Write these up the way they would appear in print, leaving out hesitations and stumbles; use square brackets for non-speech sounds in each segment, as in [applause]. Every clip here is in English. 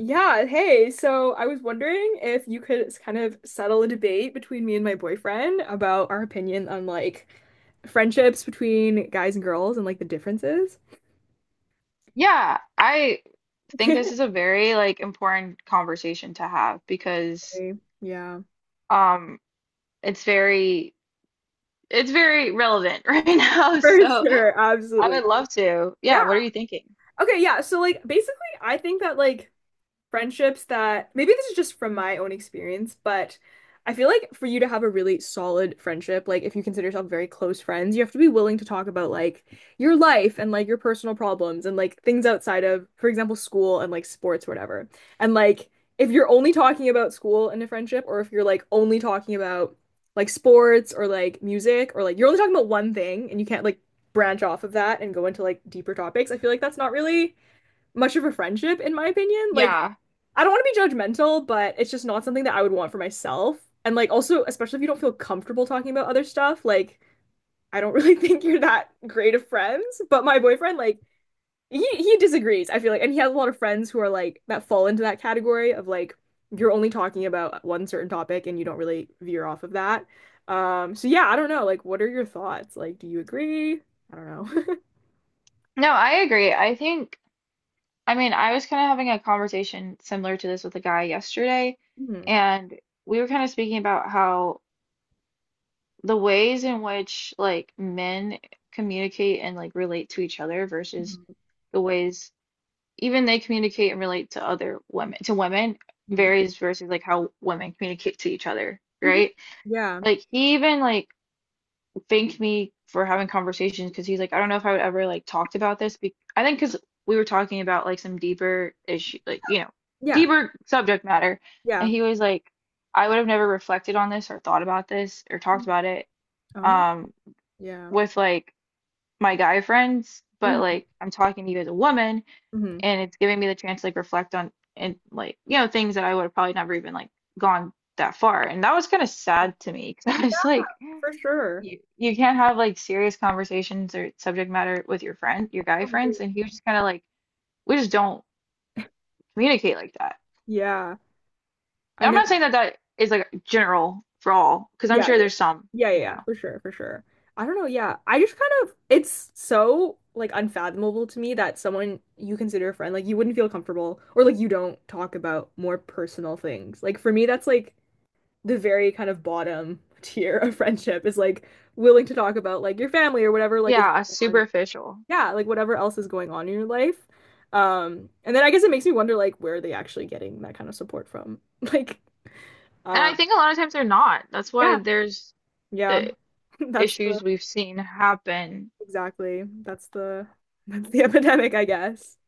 Yeah, hey, so I was wondering if you could kind of settle a debate between me and my boyfriend about our opinion on like friendships between guys and girls and like the differences. Yeah, I think this [laughs] is a very like important conversation to have because Really? Yeah, um it's very it's very relevant [laughs] right now. for So sure, I absolutely. would love to. Yeah. Yeah, what are you thinking? Okay, yeah. So like basically I think that like friendships that maybe this is just from my own experience, but I feel like for you to have a really solid friendship, like if you consider yourself very close friends, you have to be willing to talk about like your life and like your personal problems and like things outside of, for example, school and like sports or whatever. And like if you're only talking about school in a friendship, or if you're like only talking about like sports or like music, or like you're only talking about one thing and you can't like branch off of that and go into like deeper topics, I feel like that's not really much of a friendship in my opinion. Like Yeah. I don't want to be judgmental, but it's just not something that I would want for myself. And like also, especially if you don't feel comfortable talking about other stuff, like I don't [laughs] really think you're that great of friends. But my boyfriend, like he disagrees, I feel like, and he has a lot of friends who are like that fall into that category of like you're only talking about one certain topic and you don't really veer off of that. So yeah, I don't know. Like, what are your thoughts? Like, do you agree? I don't know. No, I agree. I mean, I was kind of having a conversation similar to this with a guy yesterday, [laughs] hmm and we were kind of speaking about how the ways in which like men communicate and like relate to each other versus the ways even they communicate and relate to other women hmm varies versus like how women communicate to each other, hmm right? Yeah. Like he even like thanked me for having conversations because he's like, I don't know if I would ever like talked about this be I think because we were talking about like some deeper issue, like Yeah. deeper subject matter. And Yeah. he was like, I would have never reflected on this or thought about this or talked about it, Oh, um yeah. with like my guy friends, but like I'm talking to you as a woman hmm and it's giving me the chance to like reflect on and, like, things that I would have probably never even like gone that far. And that was kind of sad to me because [laughs] I Yeah, was like, for sure. you can't have like serious conversations or subject matter with your friend your I guy agree. friends. And he was just kind of like, we just don't communicate like that. Yeah, I And I'm know. not saying that that is like general for all, because I'm Yeah, yeah, sure there's some, yeah, yeah, you yeah, know for sure, for sure. I don't know. Yeah, I just kind of, it's so like unfathomable to me that someone you consider a friend, like you wouldn't feel comfortable or like you don't talk about more personal things. Like for me, that's like the very kind of bottom [laughs] tier of friendship is like willing to talk about like your family or whatever, like is yeah, superficial. yeah, like whatever else is going on in your life. And then I guess it makes me wonder like where are they actually getting that kind of support from? [laughs] Like, And uh, I think a lot of times they're not. That's why yeah, there's yeah, the [laughs] that's the issues we've seen happen. exactly that's the [laughs] epidemic, I guess.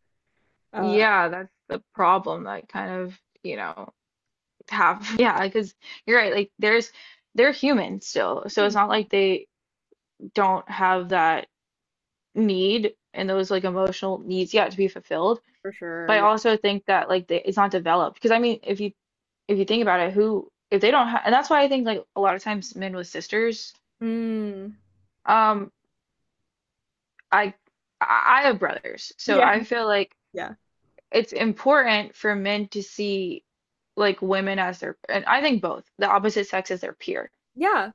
Uh, Yeah, that's the problem. Like kind of, you know, have [laughs] yeah, because you're right, like there's they're human still. So it's not hmm, like they don't have that need and those like emotional needs yet to be fulfilled. for sure, But I yeah. also think that like they, it's not developed because, I mean, if you think about it, who, if they don't have, and that's why I think like a lot of times men with sisters, Mm, um, I I I have brothers, so I yeah, feel like [laughs] yeah, it's important for men to see like women as their, and I think both the opposite sex as their peer yeah,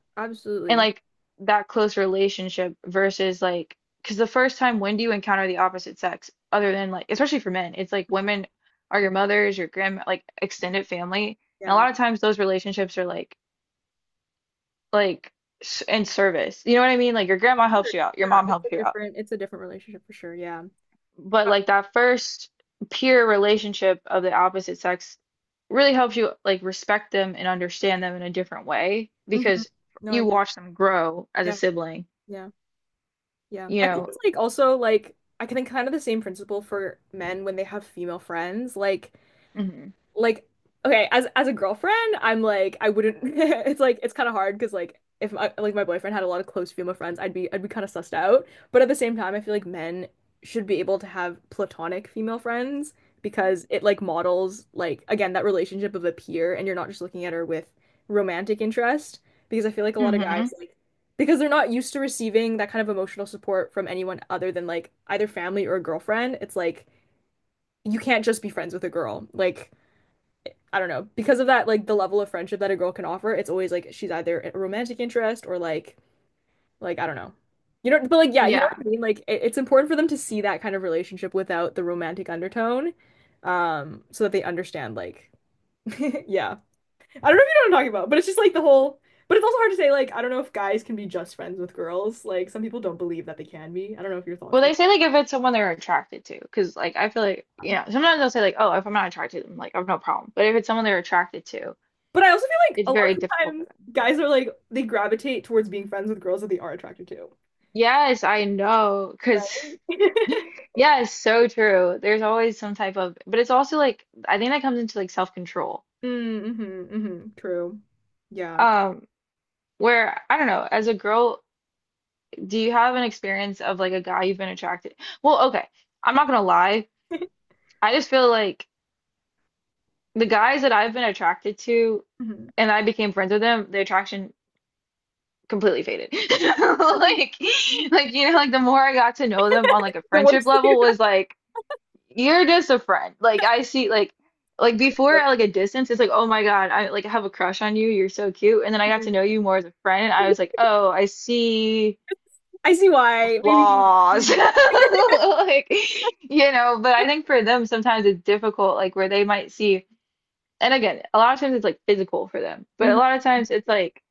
and absolutely, like that close relationship versus like, because the first time, when do you encounter the opposite sex? Other than like, especially for men, it's like women are your mothers, your grand like extended family. And a yeah, lot of times those relationships are like in service, you know what I mean? Like your grandma Sure, helps you out, your yeah. mom helps you out, It's a different relationship for sure, yeah. but Uh, like that first peer relationship of the opposite sex really helps you like respect them and understand them in a different way mhm. because No, I you agree. watch them grow as a Yeah, sibling, yeah. Yeah. you I think know. it's like also like I can think kind of the same principle for men when they have female friends. Hmm. Like okay, as a girlfriend, I'm like I wouldn't [laughs] it's like it's kind of hard because like if my, like my boyfriend had a lot of close female friends, I'd be kind of sussed out. But at the same time, I feel like men should be able to have platonic female friends because it like models like again that relationship of a peer and you're not just looking at her with romantic interest because I feel like a lot of Hmm. guys like because they're not used to receiving that kind of emotional support from anyone other than like either family or a girlfriend. It's like you can't just be friends with a girl. Like I don't know, because of that, like the level of friendship that a girl can offer, it's always like she's either a romantic interest or like I don't know. You know, but like yeah, you know Yeah. what I mean? Like it, it's important for them to see that kind of relationship without the romantic undertone, so that they understand like [laughs] yeah. I don't know if you know what I'm talking about, but it's just like the whole but it's also hard to say like I don't know if guys can be just friends with girls. Like some people don't believe that they can be. I don't know if your thoughts Well, on they say like if it's someone they're attracted to, because like I feel like, that. you know, sometimes they'll say like, oh, if I'm not attracted to them, like I've no problem, but if it's someone they're attracted to, But I also feel like it's a lot very of difficult for times them. guys are like they gravitate towards being friends with girls that they are attracted to. Yes, I know, Right? because [laughs] [laughs] yeah, it's so true. There's always some type of, but it's also like I think that comes into like self-control. Hmm True. Yeah. Um, where, I don't know, as a girl, do you have an experience of like a guy you've been attracted? Well, okay, I'm not gonna lie. hmm [laughs] I just feel like the guys that I've been attracted to, and I became friends with them, the attraction completely faded. [laughs] Like, like, like the more I got to know them on like a The friendship worst thing level was [laughs] like, you're just a friend. Like I see like before about at like a distance, it's like, oh my God, I like have a crush on you, you're so cute. And then I got to it. know you more as a friend, and I was like, oh, I see I see why. Maybe, flaws. maybe [laughs] not. Like, you know, but I think for them sometimes it's difficult, like where they might see, and again, a lot of times it's like physical for them. But a hmm lot of times it's like,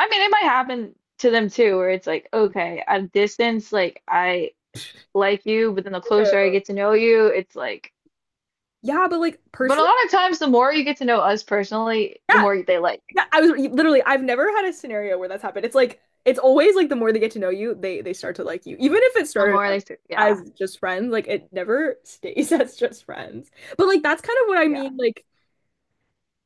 I mean, it might happen to them too, where it's like, okay, at a distance, like I like you, but then the closer I Uh, get to know you, it's like, [laughs] Yeah, but like but a personally, lot of times, the more you get to know us personally, the yeah, more they like. yeah. I was literally, I've never had a scenario where that's happened. It's like it's always like the more they get to know you, they start to like you, even if it The started more out they, yeah, as just friends. Like it never stays [laughs] as just friends. But like that's kind of what I yeah. mean.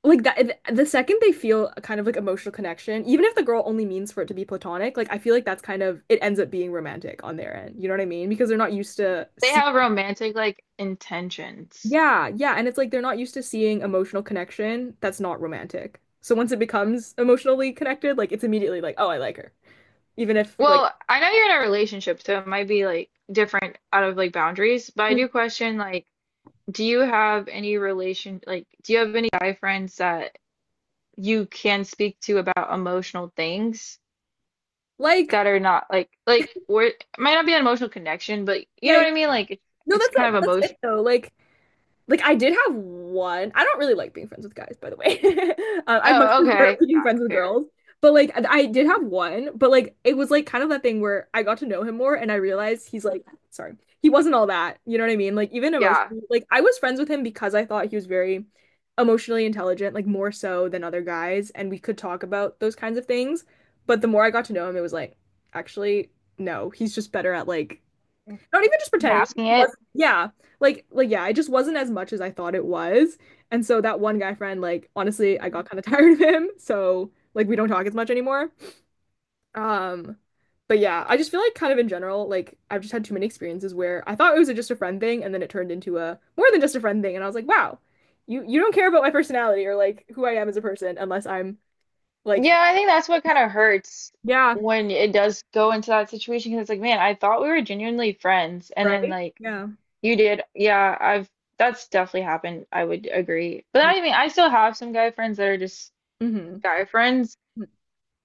Like that, the second they feel a kind of like emotional connection, even if the girl only means for it to be platonic, like I feel like that's kind of it ends up being romantic on their end. You know what I mean? Because they're not used to They see, have romantic like intentions. yeah, yeah, and it's like they're not used to seeing emotional connection that's not romantic. So once it becomes emotionally connected, like it's immediately like, oh, I like her, even if like, Well, I know you're in a relationship, so it might be like different out of like boundaries, but I Mm. do question like, do you have any guy friends that you can speak to about emotional things Like, that are not like, like where it might not be an emotional connection, but you yeah, know yeah. what I mean? Like it's No, it's kind of that's it emotion. though. Like I did have one. I don't really like being friends with guys, by the way. [laughs] I much Oh, prefer okay. [laughs] being Got friends it. with Fair. girls. But like I did have one, but like it was like kind of that thing where I got to know him more and I realized he's like, sorry, he wasn't all that. You know what I mean? Like even Yeah. emotionally, like I was friends with him because I thought he was very emotionally intelligent, like more so than other guys, and we could talk about those kinds of things. But the more I got to know him, it was like, actually, no, he's just better at like not even just pretending. It Masking it. was yeah, like yeah, it just wasn't as much as I thought it was. And so that one guy friend, like honestly, I got kind of [laughs] tired of him. So like we don't talk as much anymore. Um, but yeah, I just feel like kind of in general, like I've just had too many experiences where I thought it was a, just a friend thing, and then it turned into a more than just a friend thing. And I was like, wow, you don't care about my personality or like who I am as a person unless I'm like Yeah, I think that's what kind of hurts yeah, when it does go into that situation, because it's like, man, I thought we were genuinely friends, and then right? like Yeah. you did. Yeah, I've that's definitely happened. I would agree, but Yeah. I mean, I still have some guy friends that are just hmm guy friends.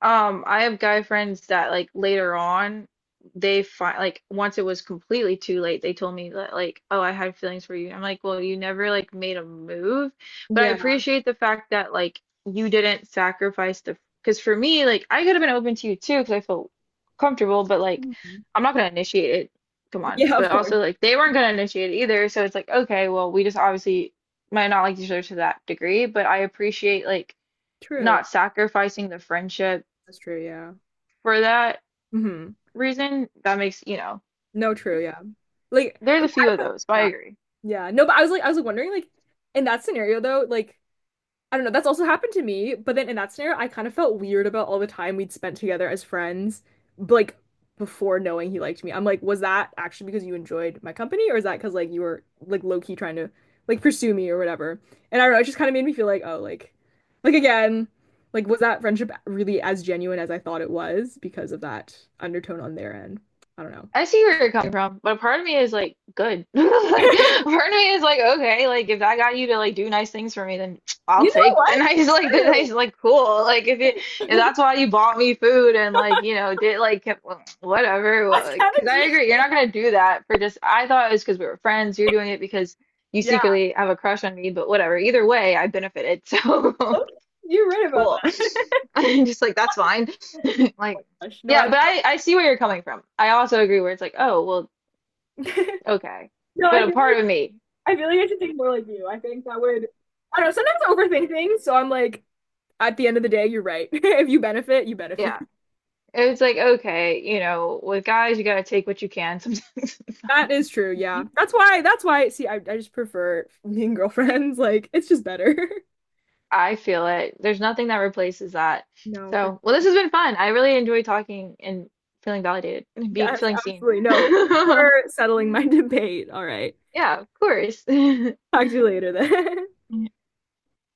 I have guy friends that like later on they find, like once it was completely too late, they told me that like, oh, I had feelings for you. I'm like, well, you never like made a move. But I Yeah. appreciate the fact that like you didn't sacrifice the, because for me, like I could have been open to you too because I felt comfortable, but like Mhm. I'm not gonna initiate it. Come on. Yeah, of But course. also like they weren't gonna initiate it either. So it's like, okay, well, we just obviously might not like each other to that degree, but I appreciate like True. not sacrificing the friendship That's true, yeah. for that hmm reason, that makes, you know, No, true, yeah. Like, I there's mean, a few I of would- those, but I yeah, agree. yeah. No, but I was like wondering, like, in that scenario though, like, I don't know, that's also happened to me. But then in that scenario, I kind of felt weird about all the time we'd spent together as friends, like before knowing he liked me. I'm like, was that actually because you enjoyed my company, or is that because like you were like low key trying to like pursue me or whatever? And I don't know, it just kind of made me feel like, oh, like again, like was that friendship really as genuine as I thought it was because of that undertone on their end? I don't know. I see where you're coming from, but a part of me is like, good. [laughs] Like, [laughs] a part of me is like, okay, like if that got you to like do nice things for me, then I'll You know take the [laughs] what? nice, like the True. nice, like cool. Like if it, if that's [laughs] why you bought me food and like, you know, did like well, whatever. Well, That's like, kind cause of I genius. agree, you're not gonna do that for just, I thought it was because we were friends. You're doing it because you Yeah. secretly have a crush on me, but whatever. Either way, I benefited. So Okay. You're right [laughs] about cool. that. [laughs] I'm just like, that's fine. [laughs] Like, No, yeah, I but I see where you're coming from. I also agree where it's like, oh, well, [laughs] okay. no, I But feel a like part of me, I feel like I should think more like you. I think that would I don't know, sometimes I overthink things, so I'm like, at the end of the day, you're right. [laughs] If you benefit, you benefit. yeah. It's like, okay, you know, with guys, you gotta take what you can sometimes. That is true, yeah. [laughs] That's why see I just prefer being girlfriends. [laughs] Like it's just better. [laughs] I feel it. There's nothing that replaces that. No, for So, well, sure. this has been fun. I really enjoy talking and feeling validated and being Yes, feeling seen. absolutely. No, thank you for [laughs] settling my [laughs] debate. All right. Yeah, of course. [laughs] Talk to you later then. [laughs]